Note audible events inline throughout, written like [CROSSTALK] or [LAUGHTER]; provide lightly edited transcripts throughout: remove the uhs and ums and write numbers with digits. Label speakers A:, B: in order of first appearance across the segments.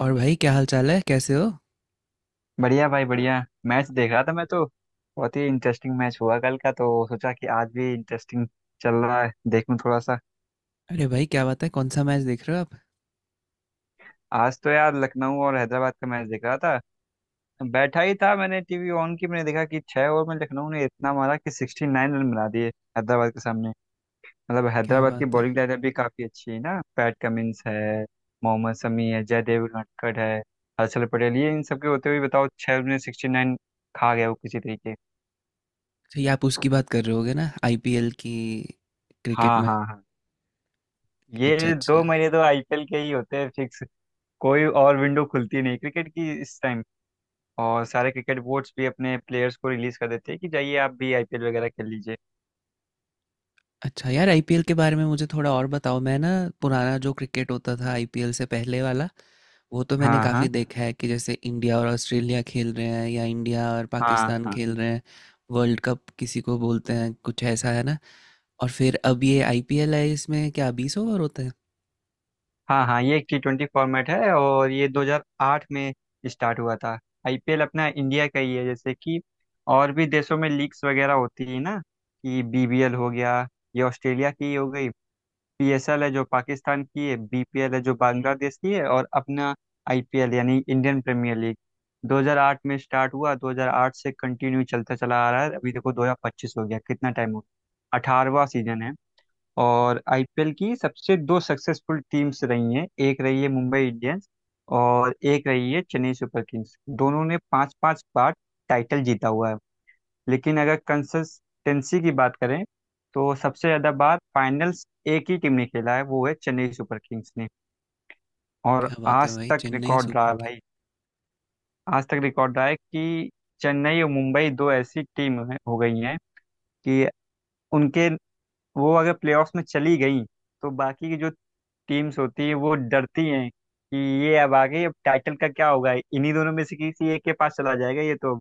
A: और भाई क्या हाल चाल है, कैसे हो।
B: बढ़िया भाई, बढ़िया। मैच देख रहा था मैं तो। बहुत ही इंटरेस्टिंग मैच हुआ कल का, तो सोचा कि आज भी इंटरेस्टिंग चल रहा है, देखूं थोड़ा सा।
A: अरे भाई, क्या बात है, कौन सा मैच देख रहे हो आप?
B: आज तो यार लखनऊ और हैदराबाद का मैच देख रहा था। बैठा ही था, मैंने टीवी ऑन की, मैंने देखा कि 6 ओवर में लखनऊ ने इतना मारा कि 69 रन बना दिए हैदराबाद के सामने। मतलब
A: क्या
B: हैदराबाद की
A: बात है।
B: बॉलिंग लाइनअप भी काफी अच्छी है ना, पैट कमिंस है, मोहम्मद शमी है, जयदेव नटखट है, हर्षल पटेल। ये इन सबके होते हुए बताओ, 6 ओवर में 69 खा गया वो किसी तरीके।
A: अच्छा, ये आप उसकी बात कर रहे होगे ना, आईपीएल की, क्रिकेट
B: हाँ
A: में।
B: हाँ हाँ।
A: अच्छा,
B: ये
A: अच्छा।
B: दो महीने तो आईपीएल के ही होते हैं फिक्स। कोई और विंडो खुलती नहीं क्रिकेट की इस टाइम। और सारे क्रिकेट बोर्ड्स भी अपने प्लेयर्स को रिलीज कर देते हैं कि जाइए, आप भी आईपीएल वगैरह खेल लीजिए।
A: अच्छा यार, आईपीएल के बारे में मुझे थोड़ा और बताओ। मैं ना, पुराना जो क्रिकेट होता था आईपीएल से पहले वाला, वो तो मैंने
B: हाँ
A: काफ़ी
B: हाँ
A: देखा है, कि जैसे इंडिया और ऑस्ट्रेलिया खेल रहे हैं या इंडिया और
B: हाँ।
A: पाकिस्तान
B: हाँ
A: खेल रहे हैं। वर्ल्ड कप किसी को बोलते हैं, कुछ ऐसा है ना। और फिर अब ये आईपीएल है, इसमें क्या बीस ओवर होते हैं?
B: हाँ हाँ। ये टी ट्वेंटी फॉर्मेट है और ये 2008 में स्टार्ट हुआ था। आईपीएल अपना इंडिया का ही है। जैसे कि और भी देशों में लीग्स वगैरह होती है ना, कि बीबीएल हो गया, ये ऑस्ट्रेलिया की हो गई, पीएसएल है जो पाकिस्तान की है, बीपीएल है जो बांग्लादेश की है, और अपना आईपीएल, यानी इंडियन प्रीमियर लीग, 2008 में स्टार्ट हुआ। 2008 से कंटिन्यू चलता चला आ रहा है। अभी देखो 2025 हो गया, कितना टाइम हो गया, 18वां सीजन है। और आईपीएल की सबसे दो सक्सेसफुल टीम्स रही हैं, एक रही है मुंबई इंडियंस और एक रही है चेन्नई सुपर किंग्स। दोनों ने 5-5 बार टाइटल जीता हुआ है। लेकिन अगर कंसिस्टेंसी की बात करें तो सबसे ज़्यादा बार फाइनल्स एक ही टीम ने खेला है, वो है चेन्नई सुपर किंग्स ने। और
A: क्या बात है
B: आज
A: भाई,
B: तक
A: चेन्नई
B: रिकॉर्ड रहा
A: सुपर।
B: है भाई, आज तक रिकॉर्ड रहा है कि चेन्नई और मुंबई दो ऐसी टीम हैं हो गई हैं कि उनके, वो अगर प्लेऑफ्स में चली गई तो बाकी की जो टीम्स होती हैं वो डरती हैं कि ये अब आगे, अब टाइटल का क्या होगा, इन्हीं दोनों में से किसी एक के पास चला जाएगा ये तो।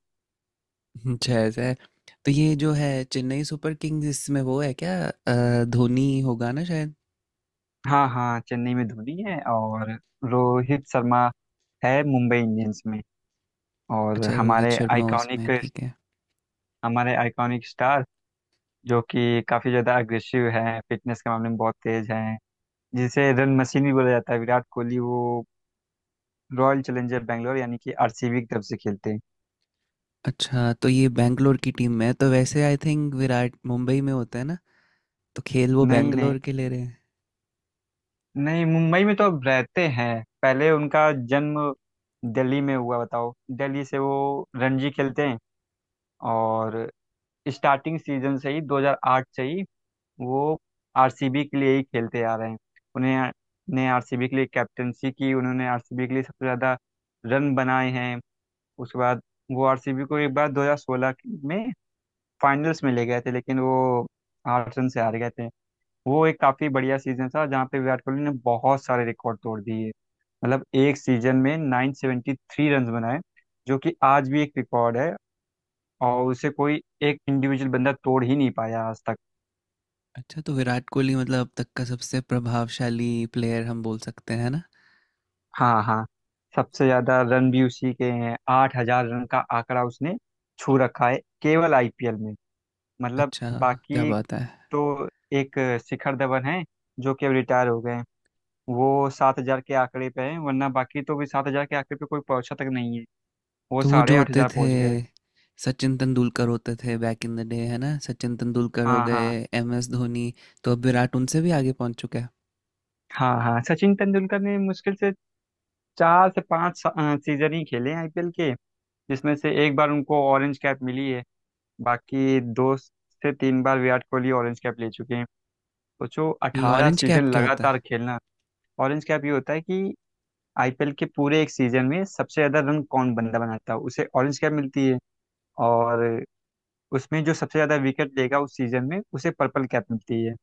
A: अच्छा ऐसा है। तो ये जो है चेन्नई सुपर किंग्स, इसमें वो है क्या, धोनी होगा ना शायद।
B: हाँ हाँ, चेन्नई में धोनी है और रोहित शर्मा है मुंबई इंडियंस में। और
A: अच्छा, रोहित
B: हमारे
A: शर्मा उसमें,
B: आइकॉनिक,
A: ठीक है।
B: हमारे आइकॉनिक स्टार, जो कि काफ़ी ज़्यादा अग्रेसिव हैं, फिटनेस के मामले में बहुत तेज हैं, जिसे रन मशीन भी बोला जाता है, विराट कोहली, वो रॉयल चैलेंजर बैंगलोर यानी कि आरसीबी की तरफ से खेलते हैं।
A: अच्छा तो ये बैंगलोर की टीम में है? तो वैसे आई थिंक विराट मुंबई में होता है ना, तो खेल वो
B: नहीं नहीं
A: बैंगलोर के ले रहे हैं।
B: नहीं, मुंबई में तो अब रहते हैं, पहले उनका जन्म दिल्ली में हुआ, बताओ। दिल्ली से वो रणजी खेलते हैं। और स्टार्टिंग सीजन से ही, 2008 से ही वो आरसीबी के लिए ही खेलते आ रहे हैं। उन्हें ने आरसीबी के लिए कैप्टनसी की, उन्होंने आरसीबी के लिए सबसे ज़्यादा रन बनाए हैं। उसके बाद वो आरसीबी को एक बार 2016 में फाइनल्स में ले गए थे, लेकिन वो 8 रन से हार गए थे। वो एक काफ़ी बढ़िया सीजन था जहाँ पे विराट कोहली ने बहुत सारे रिकॉर्ड तोड़ दिए। मतलब एक सीजन में 973 रन बनाए, जो कि आज भी एक रिकॉर्ड है, और उसे कोई एक इंडिविजुअल बंदा तोड़ ही नहीं पाया आज तक।
A: अच्छा तो विराट कोहली मतलब अब तक का सबसे प्रभावशाली प्लेयर हम बोल सकते हैं ना।
B: हाँ हाँ, सबसे ज्यादा रन भी उसी के हैं। 8 हजार रन का आंकड़ा उसने छू रखा है, केवल आईपीएल में। मतलब
A: अच्छा। क्या
B: बाकी,
A: बात है।
B: तो एक शिखर धवन है जो कि अब रिटायर हो गए हैं, वो 7 हजार के आंकड़े पे हैं। वरना बाकी तो भी 7 हजार के आंकड़े पे कोई पहुंचा तक नहीं है। वो
A: तो वो जो
B: साढ़े आठ
A: होते
B: हजार
A: थे,
B: पहुंच गए।
A: सचिन तेंदुलकर होते थे बैक इन द डे, है ना, सचिन तेंदुलकर हो
B: हाँ
A: गए,
B: हाँ
A: एम एस धोनी, तो अब विराट उनसे भी आगे पहुंच चुका है।
B: हाँ हाँ। सचिन तेंदुलकर ने मुश्किल से 4 से 5 सीजन ही खेले हैं आईपीएल के, जिसमें से एक बार उनको ऑरेंज कैप मिली है। बाकी 2 से 3 बार विराट कोहली ऑरेंज कैप ले चुके हैं। सोचो,
A: ये
B: अठारह
A: ऑरेंज
B: सीजन
A: कैप क्या होता है?
B: लगातार खेलना। ऑरेंज कैप ये होता है कि आईपीएल के पूरे एक सीजन में सबसे ज्यादा रन कौन बंदा बनाता है, उसे ऑरेंज कैप मिलती है। और उसमें जो सबसे ज्यादा विकेट लेगा उस सीजन में, उसे पर्पल कैप मिलती है।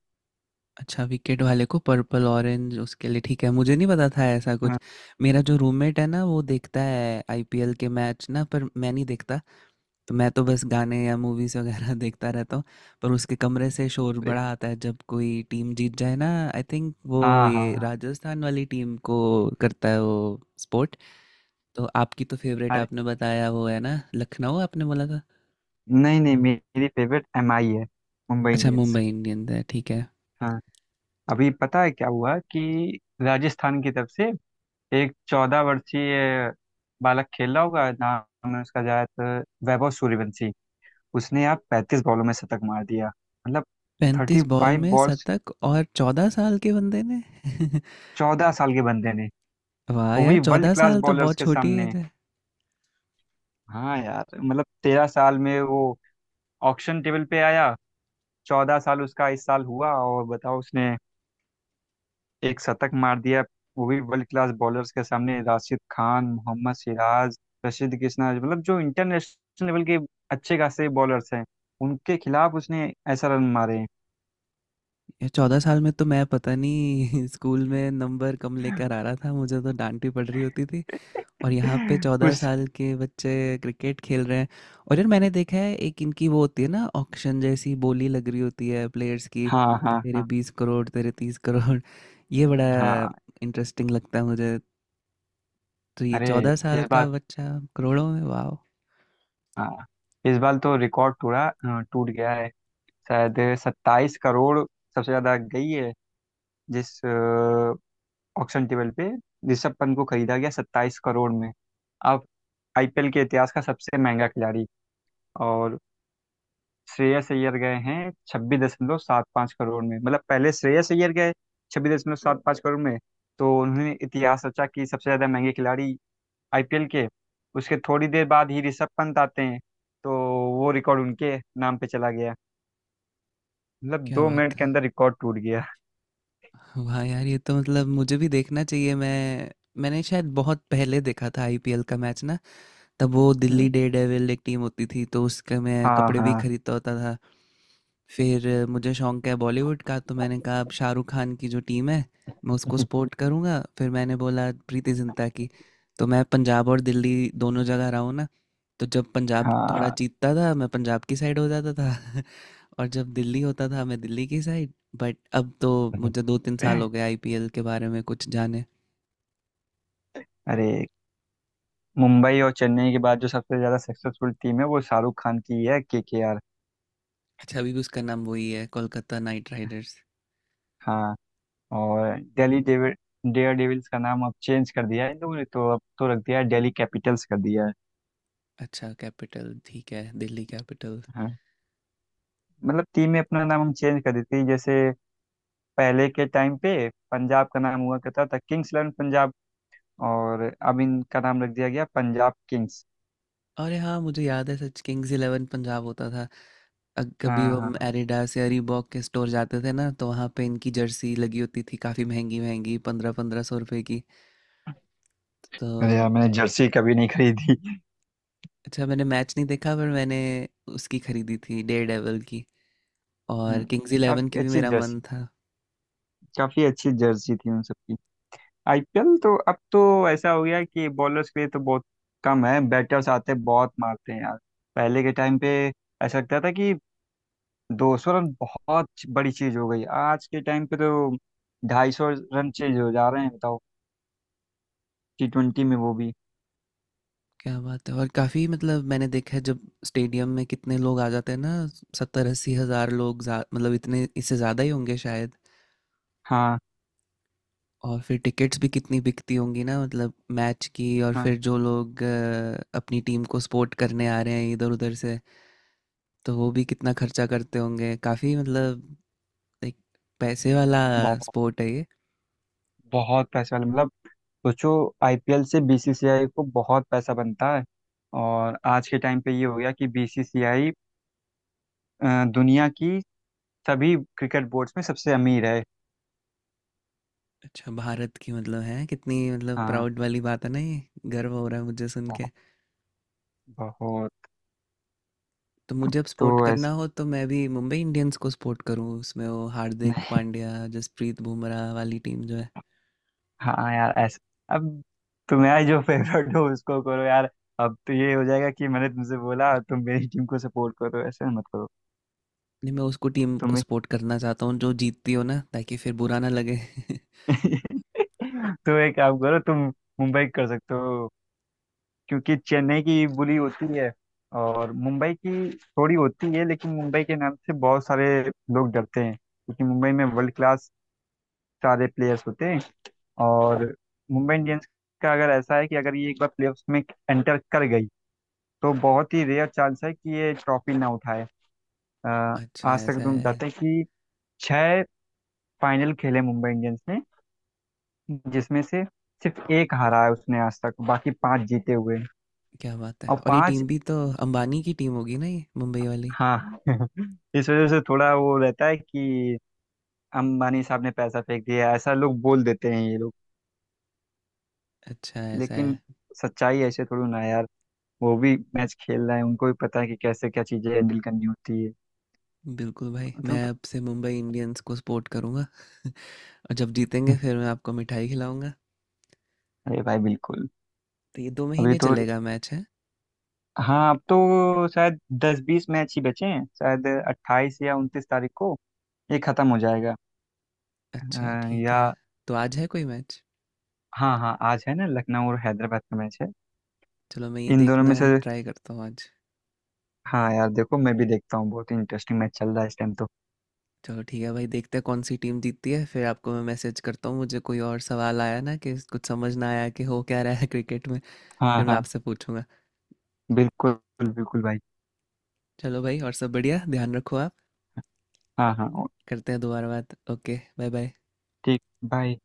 A: अच्छा विकेट वाले को पर्पल, ऑरेंज उसके लिए, ठीक है, मुझे नहीं पता था ऐसा कुछ।
B: हाँ।
A: मेरा जो रूममेट है ना वो देखता है आईपीएल के मैच ना, पर मैं नहीं देखता। तो मैं तो बस गाने या मूवीज वगैरह [LAUGHS] देखता रहता हूँ। पर उसके कमरे से शोर
B: अरे,
A: बड़ा आता है जब कोई टीम जीत जाए ना। आई थिंक वो
B: हाँ हाँ
A: ये
B: हाँ।
A: राजस्थान वाली टीम को करता है वो स्पोर्ट। तो आपकी तो फेवरेट
B: अरे
A: आपने बताया वो है ना, लखनऊ, आपने बोला था।
B: नहीं नहीं, मेरी फेवरेट एमआई है, मुंबई
A: अच्छा,
B: इंडियंस।
A: मुंबई इंडियंस है, ठीक है।
B: हाँ। अभी पता है क्या हुआ कि राजस्थान की तरफ से एक 14 वर्षीय बालक खेल रहा होगा, नाम है उसका शायद वैभव सूर्यवंशी। उसने यार 35 बॉलों में शतक मार दिया, मतलब
A: 35
B: थर्टी
A: बॉल
B: फाइव
A: में
B: बॉल्स
A: शतक, और 14 साल के बंदे ने [LAUGHS]
B: 14 साल के बंदे ने,
A: वाह
B: वो
A: यार,
B: भी वर्ल्ड
A: 14
B: क्लास
A: साल तो
B: बॉलर्स
A: बहुत
B: के
A: छोटी
B: सामने।
A: एज है।
B: हाँ यार, मतलब 13 साल में वो ऑक्शन टेबल पे आया, 14 साल उसका इस साल हुआ, और बताओ उसने एक शतक मार दिया, वो भी वर्ल्ड क्लास बॉलर्स के सामने, राशिद खान, मोहम्मद सिराज, रशीद कृष्णा, मतलब जो इंटरनेशनल लेवल के अच्छे खासे बॉलर्स हैं, उनके खिलाफ उसने ऐसा रन मारे हैं।
A: यार 14 साल में तो मैं पता नहीं [LAUGHS] स्कूल में नंबर कम लेकर आ रहा था, मुझे तो डांट ही पड़ रही होती थी, और यहाँ पे
B: [LAUGHS]
A: 14
B: उस
A: साल के बच्चे क्रिकेट खेल रहे हैं। और यार मैंने देखा है एक इनकी वो होती है ना ऑक्शन जैसी, बोली लग रही होती है प्लेयर्स की,
B: हाँ
A: कि
B: हाँ
A: तेरे
B: हाँ
A: 20 करोड़, तेरे 30 करोड़ [LAUGHS] ये बड़ा
B: हाँ।
A: इंटरेस्टिंग लगता है मुझे। तो ये
B: अरे,
A: 14 साल
B: इस
A: का
B: बार।
A: बच्चा करोड़ों में, वाह!
B: हाँ, इस बार तो रिकॉर्ड टूटा, टूट गया है। शायद 27 करोड़ सबसे ज्यादा गई है, जिस ऑक्शन टेबल पे ऋषभ पंत को खरीदा गया 27 करोड़ में। अब आईपीएल के इतिहास का सबसे महंगा खिलाड़ी। और श्रेयस अय्यर गए हैं 26.75 करोड़ में। मतलब पहले श्रेयस अय्यर गए 26.75 करोड़ में, तो उन्होंने इतिहास रचा कि सबसे ज़्यादा महंगे खिलाड़ी आईपीएल के। उसके थोड़ी देर बाद ही ऋषभ पंत आते हैं, तो वो रिकॉर्ड उनके नाम पे चला गया। मतलब
A: क्या
B: 2 मिनट
A: बात
B: के
A: है।
B: अंदर रिकॉर्ड टूट गया।
A: वाह यार! ये तो मतलब मुझे भी देखना चाहिए। मैं मैंने शायद बहुत पहले देखा था आईपीएल का मैच ना, तब वो
B: [LAUGHS]
A: दिल्ली
B: हम्म।
A: डेयरडेविल एक टीम होती थी, तो उसके मैं
B: हाँ
A: कपड़े भी
B: हाँ।
A: खरीदता होता था। फिर मुझे शौक है बॉलीवुड का, तो मैंने कहा अब शाहरुख खान की जो टीम है, मैं उसको
B: [LAUGHS]
A: सपोर्ट करूँगा। फिर मैंने बोला प्रीति जिंटा की। तो मैं पंजाब और दिल्ली दोनों जगह रहा हूँ ना, तो जब पंजाब थोड़ा
B: हाँ।
A: जीतता था, मैं पंजाब की साइड हो जाता था [LAUGHS] और जब दिल्ली होता था मैं दिल्ली की साइड। बट अब तो मुझे दो तीन साल हो
B: [LAUGHS]
A: गए आईपीएल के बारे में कुछ जाने।
B: अरे, मुंबई और चेन्नई के बाद जो सबसे ज़्यादा सक्सेसफुल टीम है वो शाहरुख खान की ही है, KKR।
A: अच्छा, अभी भी उसका नाम वही है, कोलकाता नाइट राइडर्स।
B: हाँ। और दिल्ली डेविड डेयर डेविल्स का नाम अब चेंज कर दिया है इन लोगों ने, तो अब तो रख दिया है, दिल्ली कैपिटल्स कर दिया है।
A: अच्छा कैपिटल, ठीक है, दिल्ली कैपिटल।
B: हाँ। मतलब टीम में अपना नाम हम चेंज कर देते हैं। जैसे पहले के टाइम पे पंजाब का नाम हुआ करता था किंग्स इलेवन पंजाब, और अब इनका नाम रख दिया गया पंजाब किंग्स।
A: और हाँ मुझे याद है सच, किंग्स इलेवन पंजाब होता था। कभी
B: हाँ हाँ।
A: हम एडिडास या रीबॉक के स्टोर जाते थे ना, तो वहाँ पे इनकी जर्सी लगी होती थी, काफ़ी महंगी महंगी, पंद्रह पंद्रह सौ रुपए की।
B: अरे
A: तो
B: यार, मैंने जर्सी कभी नहीं खरीदी।
A: अच्छा मैंने मैच नहीं देखा, पर मैंने उसकी खरीदी थी, डेयर डेविल की। और
B: हम्म,
A: किंग्स इलेवन
B: काफी
A: की भी
B: अच्छी
A: मेरा मन
B: जर्सी,
A: था।
B: काफी अच्छी जर्सी थी उन सबकी। आईपीएल तो अब तो ऐसा हो गया कि बॉलर्स के लिए तो बहुत कम है, बैटर्स आते हैं, बहुत मारते हैं यार। पहले के टाइम पे ऐसा लगता था कि 200 रन बहुत बड़ी चीज, हो गई आज के टाइम पे तो 250 रन चेंज हो जा रहे हैं, बताओ, टी ट्वेंटी में वो भी।
A: क्या बात है। और काफ़ी, मतलब मैंने देखा है जब स्टेडियम में कितने लोग आ जाते हैं ना, सत्तर अस्सी हज़ार लोग मतलब इतने, इससे ज़्यादा ही होंगे शायद।
B: हाँ
A: और फिर टिकट्स भी कितनी बिकती होंगी ना, मतलब मैच की। और
B: हाँ,
A: फिर जो लोग अपनी टीम को सपोर्ट करने आ रहे हैं इधर उधर से, तो वो भी कितना खर्चा करते होंगे, काफ़ी, मतलब एक पैसे वाला
B: बहुत,
A: स्पोर्ट है ये।
B: बहुत पैसा वाले। मतलब सोचो, आईपीएल से बीसीसीआई को बहुत पैसा बनता है, और आज के टाइम पे ये हो गया कि बीसीसीआई दुनिया की सभी क्रिकेट बोर्ड्स में सबसे अमीर है।
A: अच्छा, भारत की मतलब है, कितनी मतलब
B: हाँ,
A: प्राउड वाली बात है ना ये, गर्व हो रहा है मुझे सुन।
B: बहुत।
A: तो मुझे अब सपोर्ट
B: तो ऐस
A: करना हो तो मैं भी मुंबई इंडियंस को सपोर्ट करूँ, उसमें वो हार्दिक
B: नहीं,
A: पांड्या, जसप्रीत बुमराह वाली टीम जो है।
B: हाँ यार, ऐसा अब तुम्हारा जो फेवरेट हो उसको करो यार। अब तो ये हो जाएगा कि मैंने तुमसे बोला, तुम मेरी टीम को सपोर्ट करो, ऐसा मत करो
A: नहीं, मैं उसको टीम को
B: तुम्हें।
A: सपोर्ट करना चाहता हूँ जो जीतती हो ना, ताकि फिर बुरा ना लगे [LAUGHS]
B: [LAUGHS] तो एक काम करो तुम, मुंबई कर सकते हो, क्योंकि चेन्नई की बुरी होती है और मुंबई की थोड़ी होती है, लेकिन मुंबई के नाम से बहुत सारे लोग डरते हैं, क्योंकि मुंबई में वर्ल्ड क्लास सारे प्लेयर्स होते हैं। और मुंबई इंडियंस का अगर ऐसा है कि अगर ये एक बार प्लेऑफ्स में एंटर कर गई, तो बहुत ही रेयर चांस है कि ये ट्रॉफी ना उठाए। अ,
A: अच्छा
B: आज तक
A: ऐसा
B: तुम
A: है।
B: बताते हैं कि 6 फाइनल खेले मुंबई इंडियंस ने, जिसमें से सिर्फ एक हारा है उसने आज तक, बाकी 5 जीते हुए हैं।
A: क्या बात है।
B: और
A: और ये
B: पांच।
A: टीम भी तो अंबानी की टीम होगी ना, ये मुंबई वाली।
B: हाँ [LAUGHS] इस वजह से थोड़ा वो रहता है कि अंबानी साहब ने पैसा फेंक दिया, ऐसा लोग बोल देते हैं ये लोग।
A: अच्छा ऐसा
B: लेकिन
A: है।
B: सच्चाई ऐसे थोड़ी ना है यार, वो भी मैच खेल रहा है, उनको भी पता है कि कैसे क्या चीजें हैंडल करनी होती है।
A: बिल्कुल भाई,
B: तो
A: मैं अब से मुंबई इंडियंस को सपोर्ट करूँगा [LAUGHS] और जब जीतेंगे फिर मैं आपको मिठाई खिलाऊंगा।
B: अरे भाई बिल्कुल।
A: तो ये दो
B: अभी
A: महीने
B: तो
A: चलेगा मैच है?
B: हाँ, अब तो शायद दस बीस मैच ही बचे हैं, शायद 28 या 29 तारीख को ये खत्म हो जाएगा।
A: अच्छा ठीक
B: या
A: है। तो आज है कोई मैच?
B: हाँ हाँ, आज है ना, लखनऊ और हैदराबाद का मैच है
A: चलो मैं ये
B: इन दोनों
A: देखना
B: में से।
A: ट्राई करता हूँ आज।
B: हाँ यार, देखो मैं भी देखता हूँ, बहुत ही इंटरेस्टिंग मैच चल रहा है इस टाइम तो।
A: चलो ठीक है भाई, देखते हैं कौन सी टीम जीतती है, फिर आपको मैं मैसेज करता हूँ, मुझे कोई और सवाल आया ना कि कुछ समझ ना आया कि हो क्या रहा है [LAUGHS] क्रिकेट में।
B: हाँ
A: फिर मैं
B: हाँ,
A: आपसे पूछूंगा।
B: बिल्कुल, बिल्कुल भाई।
A: चलो भाई, और सब बढ़िया, ध्यान रखो आप,
B: हाँ हाँ,
A: करते हैं दोबारा बात, ओके, बाय बाय।
B: ठीक। बाय।